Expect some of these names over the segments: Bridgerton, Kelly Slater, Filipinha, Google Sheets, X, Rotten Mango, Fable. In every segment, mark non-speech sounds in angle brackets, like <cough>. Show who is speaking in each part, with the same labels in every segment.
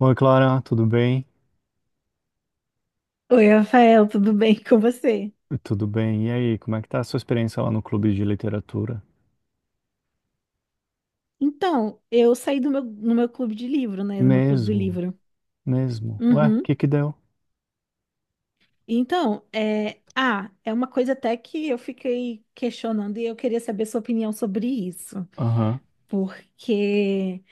Speaker 1: Oi, Clara, tudo bem?
Speaker 2: Oi, Rafael, tudo bem <laughs> com você?
Speaker 1: Tudo bem. E aí, como é que tá a sua experiência lá no clube de literatura?
Speaker 2: Então, eu no meu clube de livro, né? No meu clube do
Speaker 1: Mesmo,
Speaker 2: livro.
Speaker 1: mesmo. Ué, o
Speaker 2: Uhum.
Speaker 1: que que deu?
Speaker 2: Então, ah, é uma coisa até que eu fiquei questionando e eu queria saber sua opinião sobre isso.
Speaker 1: Aham,
Speaker 2: Porque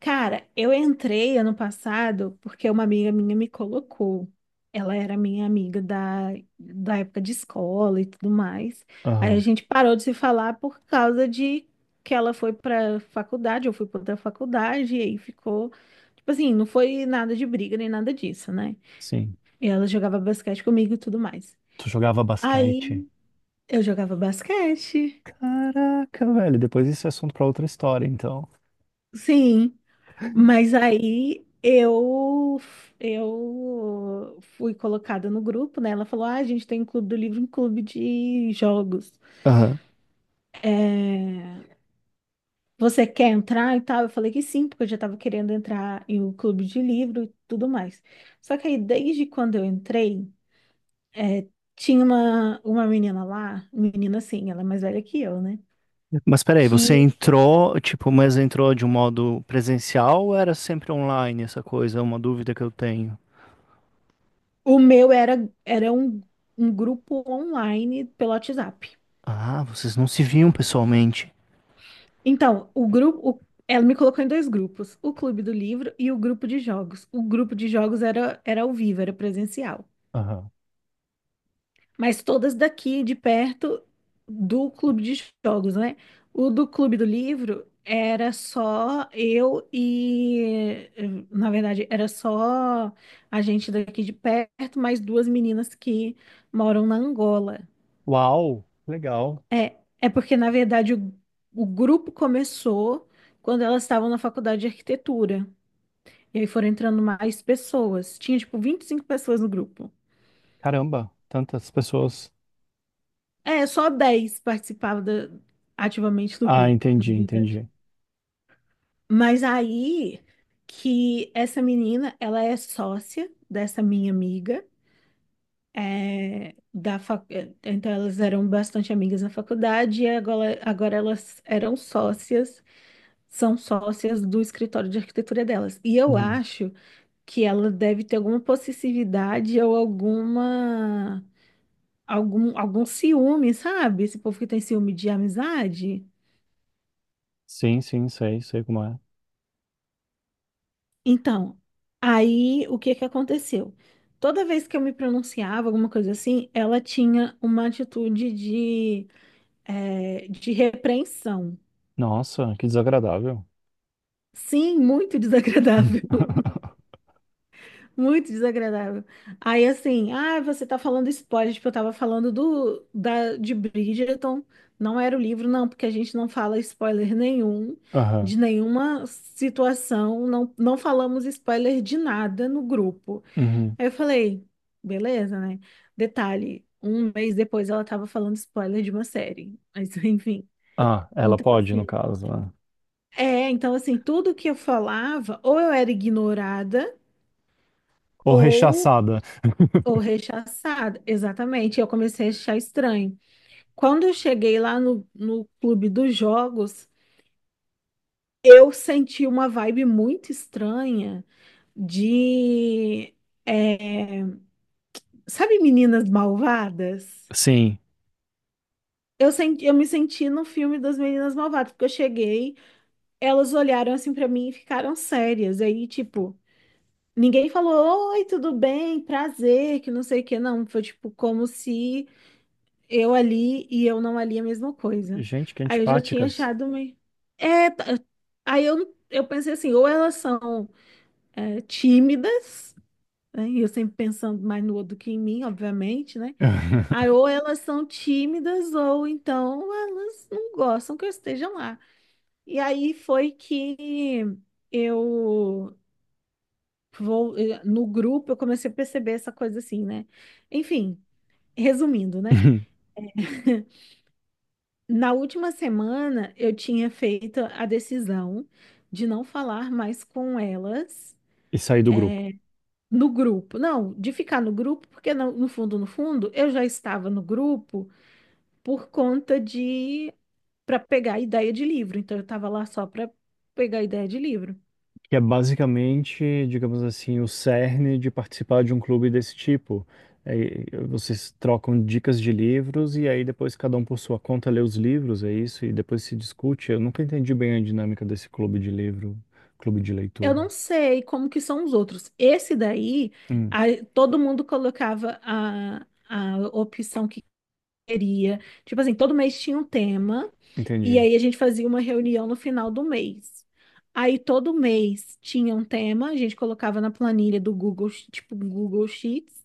Speaker 2: Cara, eu entrei ano passado porque uma amiga minha me colocou. Ela era minha amiga da época de escola e tudo mais. Aí a
Speaker 1: aham,
Speaker 2: gente parou de se falar por causa de que ela foi pra faculdade, eu fui pra outra faculdade, e aí ficou. Tipo assim, não foi nada de briga nem nada disso, né?
Speaker 1: sim.
Speaker 2: E ela jogava basquete comigo e tudo mais.
Speaker 1: Tu jogava basquete?
Speaker 2: Aí eu jogava basquete.
Speaker 1: Caraca, velho, depois isso é assunto pra outra história, então.
Speaker 2: Sim. Mas aí eu fui colocada no grupo, né? Ela falou: "Ah, a gente tem um clube do livro, um clube de jogos.
Speaker 1: Aham.
Speaker 2: Você quer entrar e tal?" Eu falei que sim, porque eu já estava querendo entrar em um clube de livro e tudo mais. Só que aí desde quando eu entrei, é, tinha uma menina lá, menina assim, ela é mais velha que eu, né?
Speaker 1: Mas peraí, você
Speaker 2: Que
Speaker 1: entrou, tipo, mas entrou de um modo presencial ou era sempre online essa coisa? É uma dúvida que eu tenho.
Speaker 2: o meu era um grupo online pelo WhatsApp.
Speaker 1: Ah, vocês não se viam pessoalmente.
Speaker 2: Então, ela me colocou em dois grupos, o clube do livro e o grupo de jogos. O grupo de jogos era ao vivo, era presencial.
Speaker 1: Aham.
Speaker 2: Mas todas daqui de perto do clube de jogos, né? O do clube do livro era só eu e, na verdade, era só a gente daqui de perto, mais duas meninas que moram na Angola.
Speaker 1: Uau, legal.
Speaker 2: É porque, na verdade, o grupo começou quando elas estavam na faculdade de arquitetura. E aí foram entrando mais pessoas. Tinha, tipo, 25 pessoas no grupo.
Speaker 1: Caramba, tantas pessoas.
Speaker 2: É, só 10 participavam ativamente do
Speaker 1: Ah,
Speaker 2: grupo, <laughs>
Speaker 1: entendi,
Speaker 2: na verdade.
Speaker 1: entendi.
Speaker 2: Mas aí que essa menina, ela é sócia dessa minha amiga. Então elas eram bastante amigas na faculdade e agora, agora elas eram sócias, são sócias do escritório de arquitetura delas. E eu
Speaker 1: Uhum.
Speaker 2: acho que ela deve ter alguma possessividade ou algum ciúme, sabe? Esse povo que tem ciúme de amizade.
Speaker 1: Sim, sim, sei, sei como é.
Speaker 2: Então, aí o que que aconteceu? Toda vez que eu me pronunciava, alguma coisa assim, ela tinha uma atitude de repreensão.
Speaker 1: Nossa, que desagradável.
Speaker 2: Sim, muito <laughs> desagradável.
Speaker 1: <laughs>
Speaker 2: Muito desagradável. Aí assim, ah, você tá falando spoiler, tipo, eu tava falando do da de Bridgerton, não era o livro, não, porque a gente não fala spoiler nenhum
Speaker 1: Aham.
Speaker 2: de nenhuma situação, não falamos spoiler de nada no grupo.
Speaker 1: Uhum.
Speaker 2: Aí eu falei, beleza, né? Detalhe, um mês depois ela tava falando spoiler de uma série. Mas <laughs> enfim,
Speaker 1: Ah, ela
Speaker 2: então
Speaker 1: pode, no
Speaker 2: assim,
Speaker 1: caso, né?
Speaker 2: então assim, tudo que eu falava, ou eu era ignorada,
Speaker 1: Ou
Speaker 2: ou
Speaker 1: rechaçada.
Speaker 2: Ou
Speaker 1: <laughs>
Speaker 2: rechaçada, exatamente. Eu comecei a achar estranho. Quando eu cheguei lá no clube dos jogos, eu senti uma vibe muito estranha de, é, sabe, meninas malvadas?
Speaker 1: Sim.
Speaker 2: Eu me senti no filme das meninas malvadas, porque eu cheguei, elas olharam assim pra mim e ficaram sérias. Aí, tipo, ninguém falou, oi, tudo bem, prazer, que não sei o que, não. Foi tipo como se eu ali e eu não ali a mesma coisa.
Speaker 1: Gente, que
Speaker 2: Aí eu já tinha
Speaker 1: antipáticas.
Speaker 2: achado meio. É, tá- Aí eu pensei assim, ou elas são tímidas, né? E eu sempre pensando mais no outro do que em mim, obviamente, né? Aí
Speaker 1: <laughs>
Speaker 2: ou elas são tímidas, ou então elas não gostam que eu esteja lá. E aí foi que eu no grupo eu comecei a perceber essa coisa assim, né? Enfim, resumindo, né? <laughs> Na última semana, eu tinha feito a decisão de não falar mais com elas
Speaker 1: E sair do grupo.
Speaker 2: no grupo. Não, de ficar no grupo, porque no fundo, no fundo, eu já estava no grupo por conta de para pegar ideia de livro. Então, eu estava lá só para pegar ideia de livro.
Speaker 1: Que é basicamente, digamos assim, o cerne de participar de um clube desse tipo. Aí, vocês trocam dicas de livros e aí depois cada um por sua conta lê os livros, é isso? E depois se discute. Eu nunca entendi bem a dinâmica desse clube de livro, clube de
Speaker 2: Eu
Speaker 1: leitura.
Speaker 2: não sei como que são os outros. Esse daí,
Speaker 1: Hum,
Speaker 2: todo mundo colocava a opção que queria. Tipo assim, todo mês tinha um tema. E
Speaker 1: entendi.
Speaker 2: aí a gente fazia uma reunião no final do mês. Aí todo mês tinha um tema, a gente colocava na planilha do Google, tipo Google Sheets,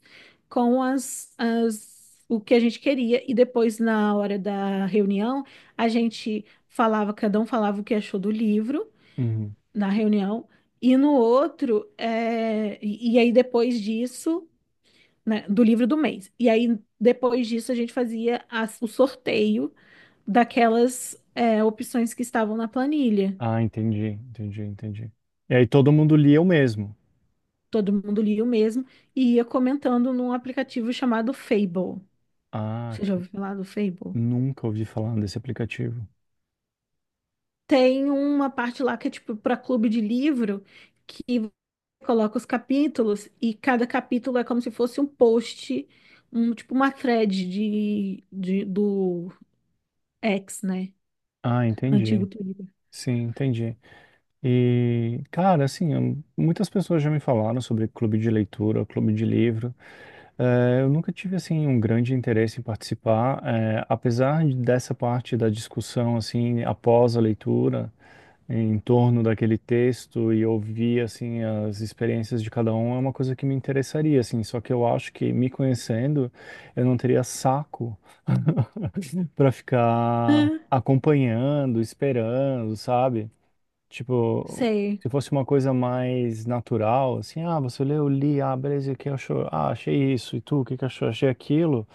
Speaker 2: com as, as o que a gente queria e depois na hora da reunião a gente falava, cada um falava o que achou do livro
Speaker 1: Uhum.
Speaker 2: na reunião e no outro é, e aí depois disso, né, do livro do mês. E aí depois disso a gente fazia o sorteio daquelas opções que estavam na planilha.
Speaker 1: Ah, entendi, entendi, entendi. E aí todo mundo lia o mesmo.
Speaker 2: Todo mundo lia o mesmo e ia comentando num aplicativo chamado Fable.
Speaker 1: Ah,
Speaker 2: Você já
Speaker 1: que...
Speaker 2: ouviu falar do Fable?
Speaker 1: Nunca ouvi falar desse aplicativo.
Speaker 2: Tem uma parte lá que é tipo para clube de livro que você coloca os capítulos e cada capítulo é como se fosse um post, um tipo uma thread do X, né?
Speaker 1: Ah,
Speaker 2: Antigo
Speaker 1: entendi.
Speaker 2: Twitter.
Speaker 1: Sim, entendi. E, cara, assim, muitas pessoas já me falaram sobre clube de leitura, clube de livro. Eu nunca tive, assim, um grande interesse em participar, apesar dessa parte da discussão, assim, após a leitura, em torno daquele texto e ouvir, assim, as experiências de cada um, é uma coisa que me interessaria, assim. Só que eu acho que, me conhecendo, eu não teria saco <laughs> para ficar
Speaker 2: Ah,
Speaker 1: acompanhando, esperando, sabe? Tipo,
Speaker 2: sei.
Speaker 1: se fosse uma coisa mais natural, assim, ah, você leu, li, ah, beleza, e o que achou? Ah, achei isso, e tu, o que que achou? Achei aquilo,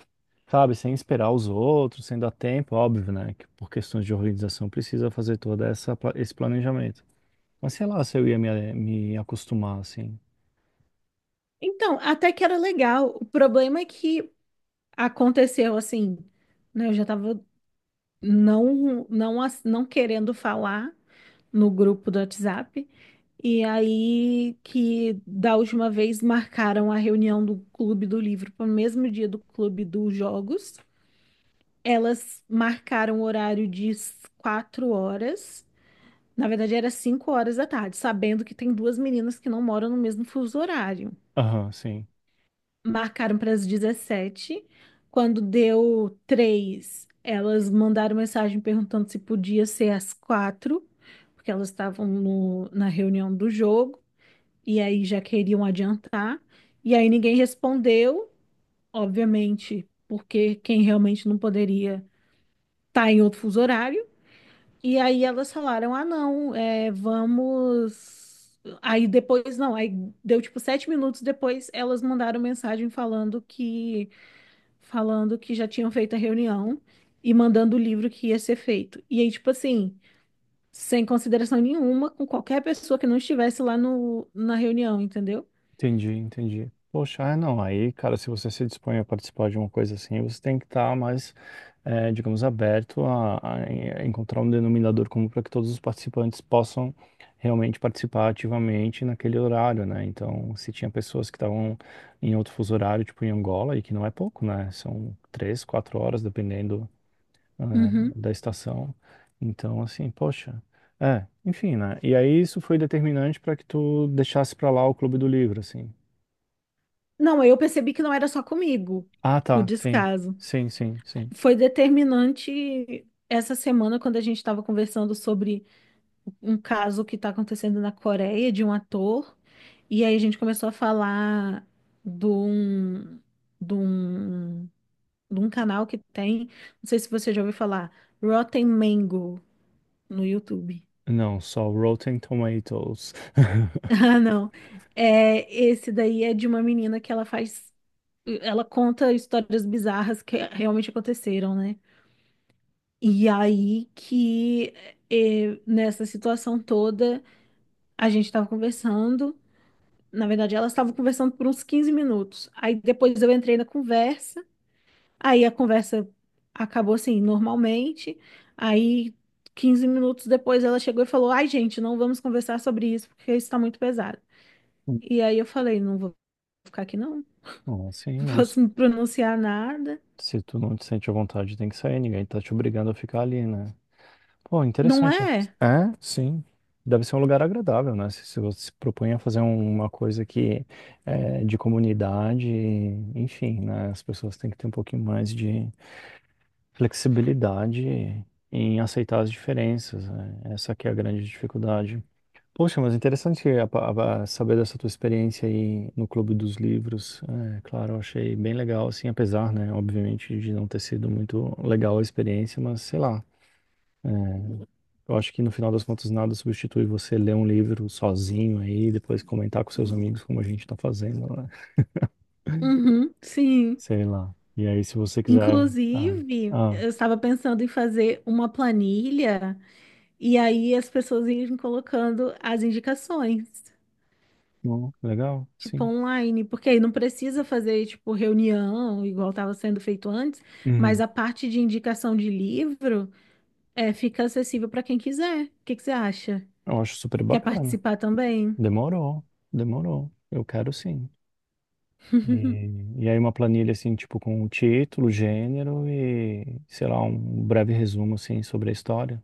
Speaker 1: sabe? Sem esperar os outros, sem dar tempo, óbvio, né? Que por questões de organização precisa fazer toda essa, esse planejamento. Mas sei lá se eu ia me acostumar, assim.
Speaker 2: Então, até que era legal. O problema é que aconteceu assim, né? Eu já tava não querendo falar no grupo do WhatsApp. E aí que da última vez marcaram a reunião do Clube do Livro para o mesmo dia do Clube dos Jogos. Elas marcaram o horário de 4 horas. Na verdade, era 5 horas da tarde, sabendo que tem duas meninas que não moram no mesmo fuso horário.
Speaker 1: Aham, sim.
Speaker 2: Marcaram para as 17. Quando deu 3, elas mandaram mensagem perguntando se podia ser às 4, porque elas estavam na reunião do jogo e aí já queriam adiantar. E aí ninguém respondeu, obviamente, porque quem realmente não poderia estar em outro fuso horário. E aí elas falaram: ah, não, é, vamos. Aí depois, não, aí deu tipo 7 minutos depois, elas mandaram mensagem falando que já tinham feito a reunião e mandando o livro que ia ser feito. E aí, tipo assim, sem consideração nenhuma com qualquer pessoa que não estivesse lá no, na reunião, entendeu?
Speaker 1: Entendi, entendi. Poxa, ah, não, aí, cara, se você se dispõe a participar de uma coisa assim, você tem que estar mais, digamos, aberto a encontrar um denominador comum para que todos os participantes possam realmente participar ativamente naquele horário, né? Então, se tinha pessoas que estavam em outro fuso horário, tipo em Angola, e que não é pouco, né? São três, quatro horas, dependendo, ah,
Speaker 2: Uhum.
Speaker 1: da estação. Então, assim, poxa. É, enfim, né? E aí isso foi determinante para que tu deixasse para lá o Clube do Livro, assim.
Speaker 2: Não, aí eu percebi que não era só comigo
Speaker 1: Ah,
Speaker 2: o
Speaker 1: tá. Sim.
Speaker 2: descaso.
Speaker 1: Sim, sim, sim.
Speaker 2: Foi determinante essa semana quando a gente estava conversando sobre um caso que está acontecendo na Coreia de um ator. E aí a gente começou a falar de um, de um de um canal que tem, não sei se você já ouviu falar, Rotten Mango no YouTube. <laughs>
Speaker 1: Não, só Rotten Tomatoes.
Speaker 2: Ah,
Speaker 1: <laughs>
Speaker 2: não. É, esse daí é de uma menina que ela conta histórias bizarras que realmente aconteceram, né? E aí que nessa situação toda a gente estava conversando. Na verdade, elas estavam conversando por uns 15 minutos. Aí depois eu entrei na conversa. Aí a conversa acabou assim, normalmente. Aí, 15 minutos depois, ela chegou e falou: "Ai, gente, não vamos conversar sobre isso porque isso está muito pesado." E aí eu falei: "Não vou ficar aqui, não." <laughs>
Speaker 1: Não, assim,
Speaker 2: Não
Speaker 1: não.
Speaker 2: posso me pronunciar nada.
Speaker 1: Se tu não te sente à vontade, tem que sair. Ninguém tá te obrigando a ficar ali, né? Pô,
Speaker 2: Não
Speaker 1: interessante.
Speaker 2: é?
Speaker 1: É, sim. Deve ser um lugar agradável, né? Se você se propõe a fazer uma coisa que é de comunidade, enfim, né? As pessoas têm que ter um pouquinho mais de flexibilidade em aceitar as diferenças, né? Essa que é a grande dificuldade. Poxa, mas interessante a saber dessa tua experiência aí no Clube dos Livros. É, claro, eu achei bem legal, assim, apesar, né, obviamente, de não ter sido muito legal a experiência, mas sei lá. Eu acho que no final das contas nada substitui você ler um livro sozinho aí, e depois comentar com seus amigos como a gente tá fazendo, né?
Speaker 2: Uhum, sim.
Speaker 1: Sei lá. E aí, se você quiser. Ah,
Speaker 2: Inclusive,
Speaker 1: ah,
Speaker 2: eu estava pensando em fazer uma planilha e aí as pessoas irem colocando as indicações.
Speaker 1: não, legal,
Speaker 2: Tipo,
Speaker 1: sim.
Speaker 2: online, porque aí não precisa fazer, tipo, reunião, igual estava sendo feito antes, mas
Speaker 1: Uhum.
Speaker 2: a parte de indicação de livro fica acessível para quem quiser. O que que você acha?
Speaker 1: Eu acho super
Speaker 2: Quer
Speaker 1: bacana.
Speaker 2: participar também?
Speaker 1: Demorou, demorou. Eu quero sim. E aí uma planilha assim, tipo, com o título, gênero e, sei lá, um breve resumo assim sobre a história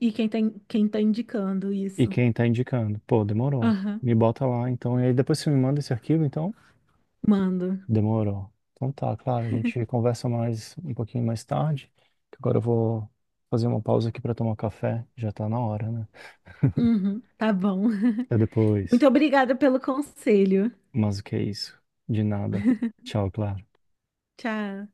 Speaker 2: Quem tá indicando
Speaker 1: e
Speaker 2: isso?
Speaker 1: quem tá indicando. Pô, demorou.
Speaker 2: Aham,
Speaker 1: Me bota lá, então. E aí depois você me manda esse arquivo, então?
Speaker 2: mando.
Speaker 1: Demorou. Então tá, claro, a gente conversa mais um pouquinho mais tarde, que agora eu vou fazer uma pausa aqui pra tomar café, já tá na hora, né?
Speaker 2: Uhum, tá bom.
Speaker 1: Até
Speaker 2: <laughs>
Speaker 1: depois.
Speaker 2: Muito obrigada pelo conselho.
Speaker 1: Mas o que é isso? De nada. Tchau, Clara.
Speaker 2: Tchau.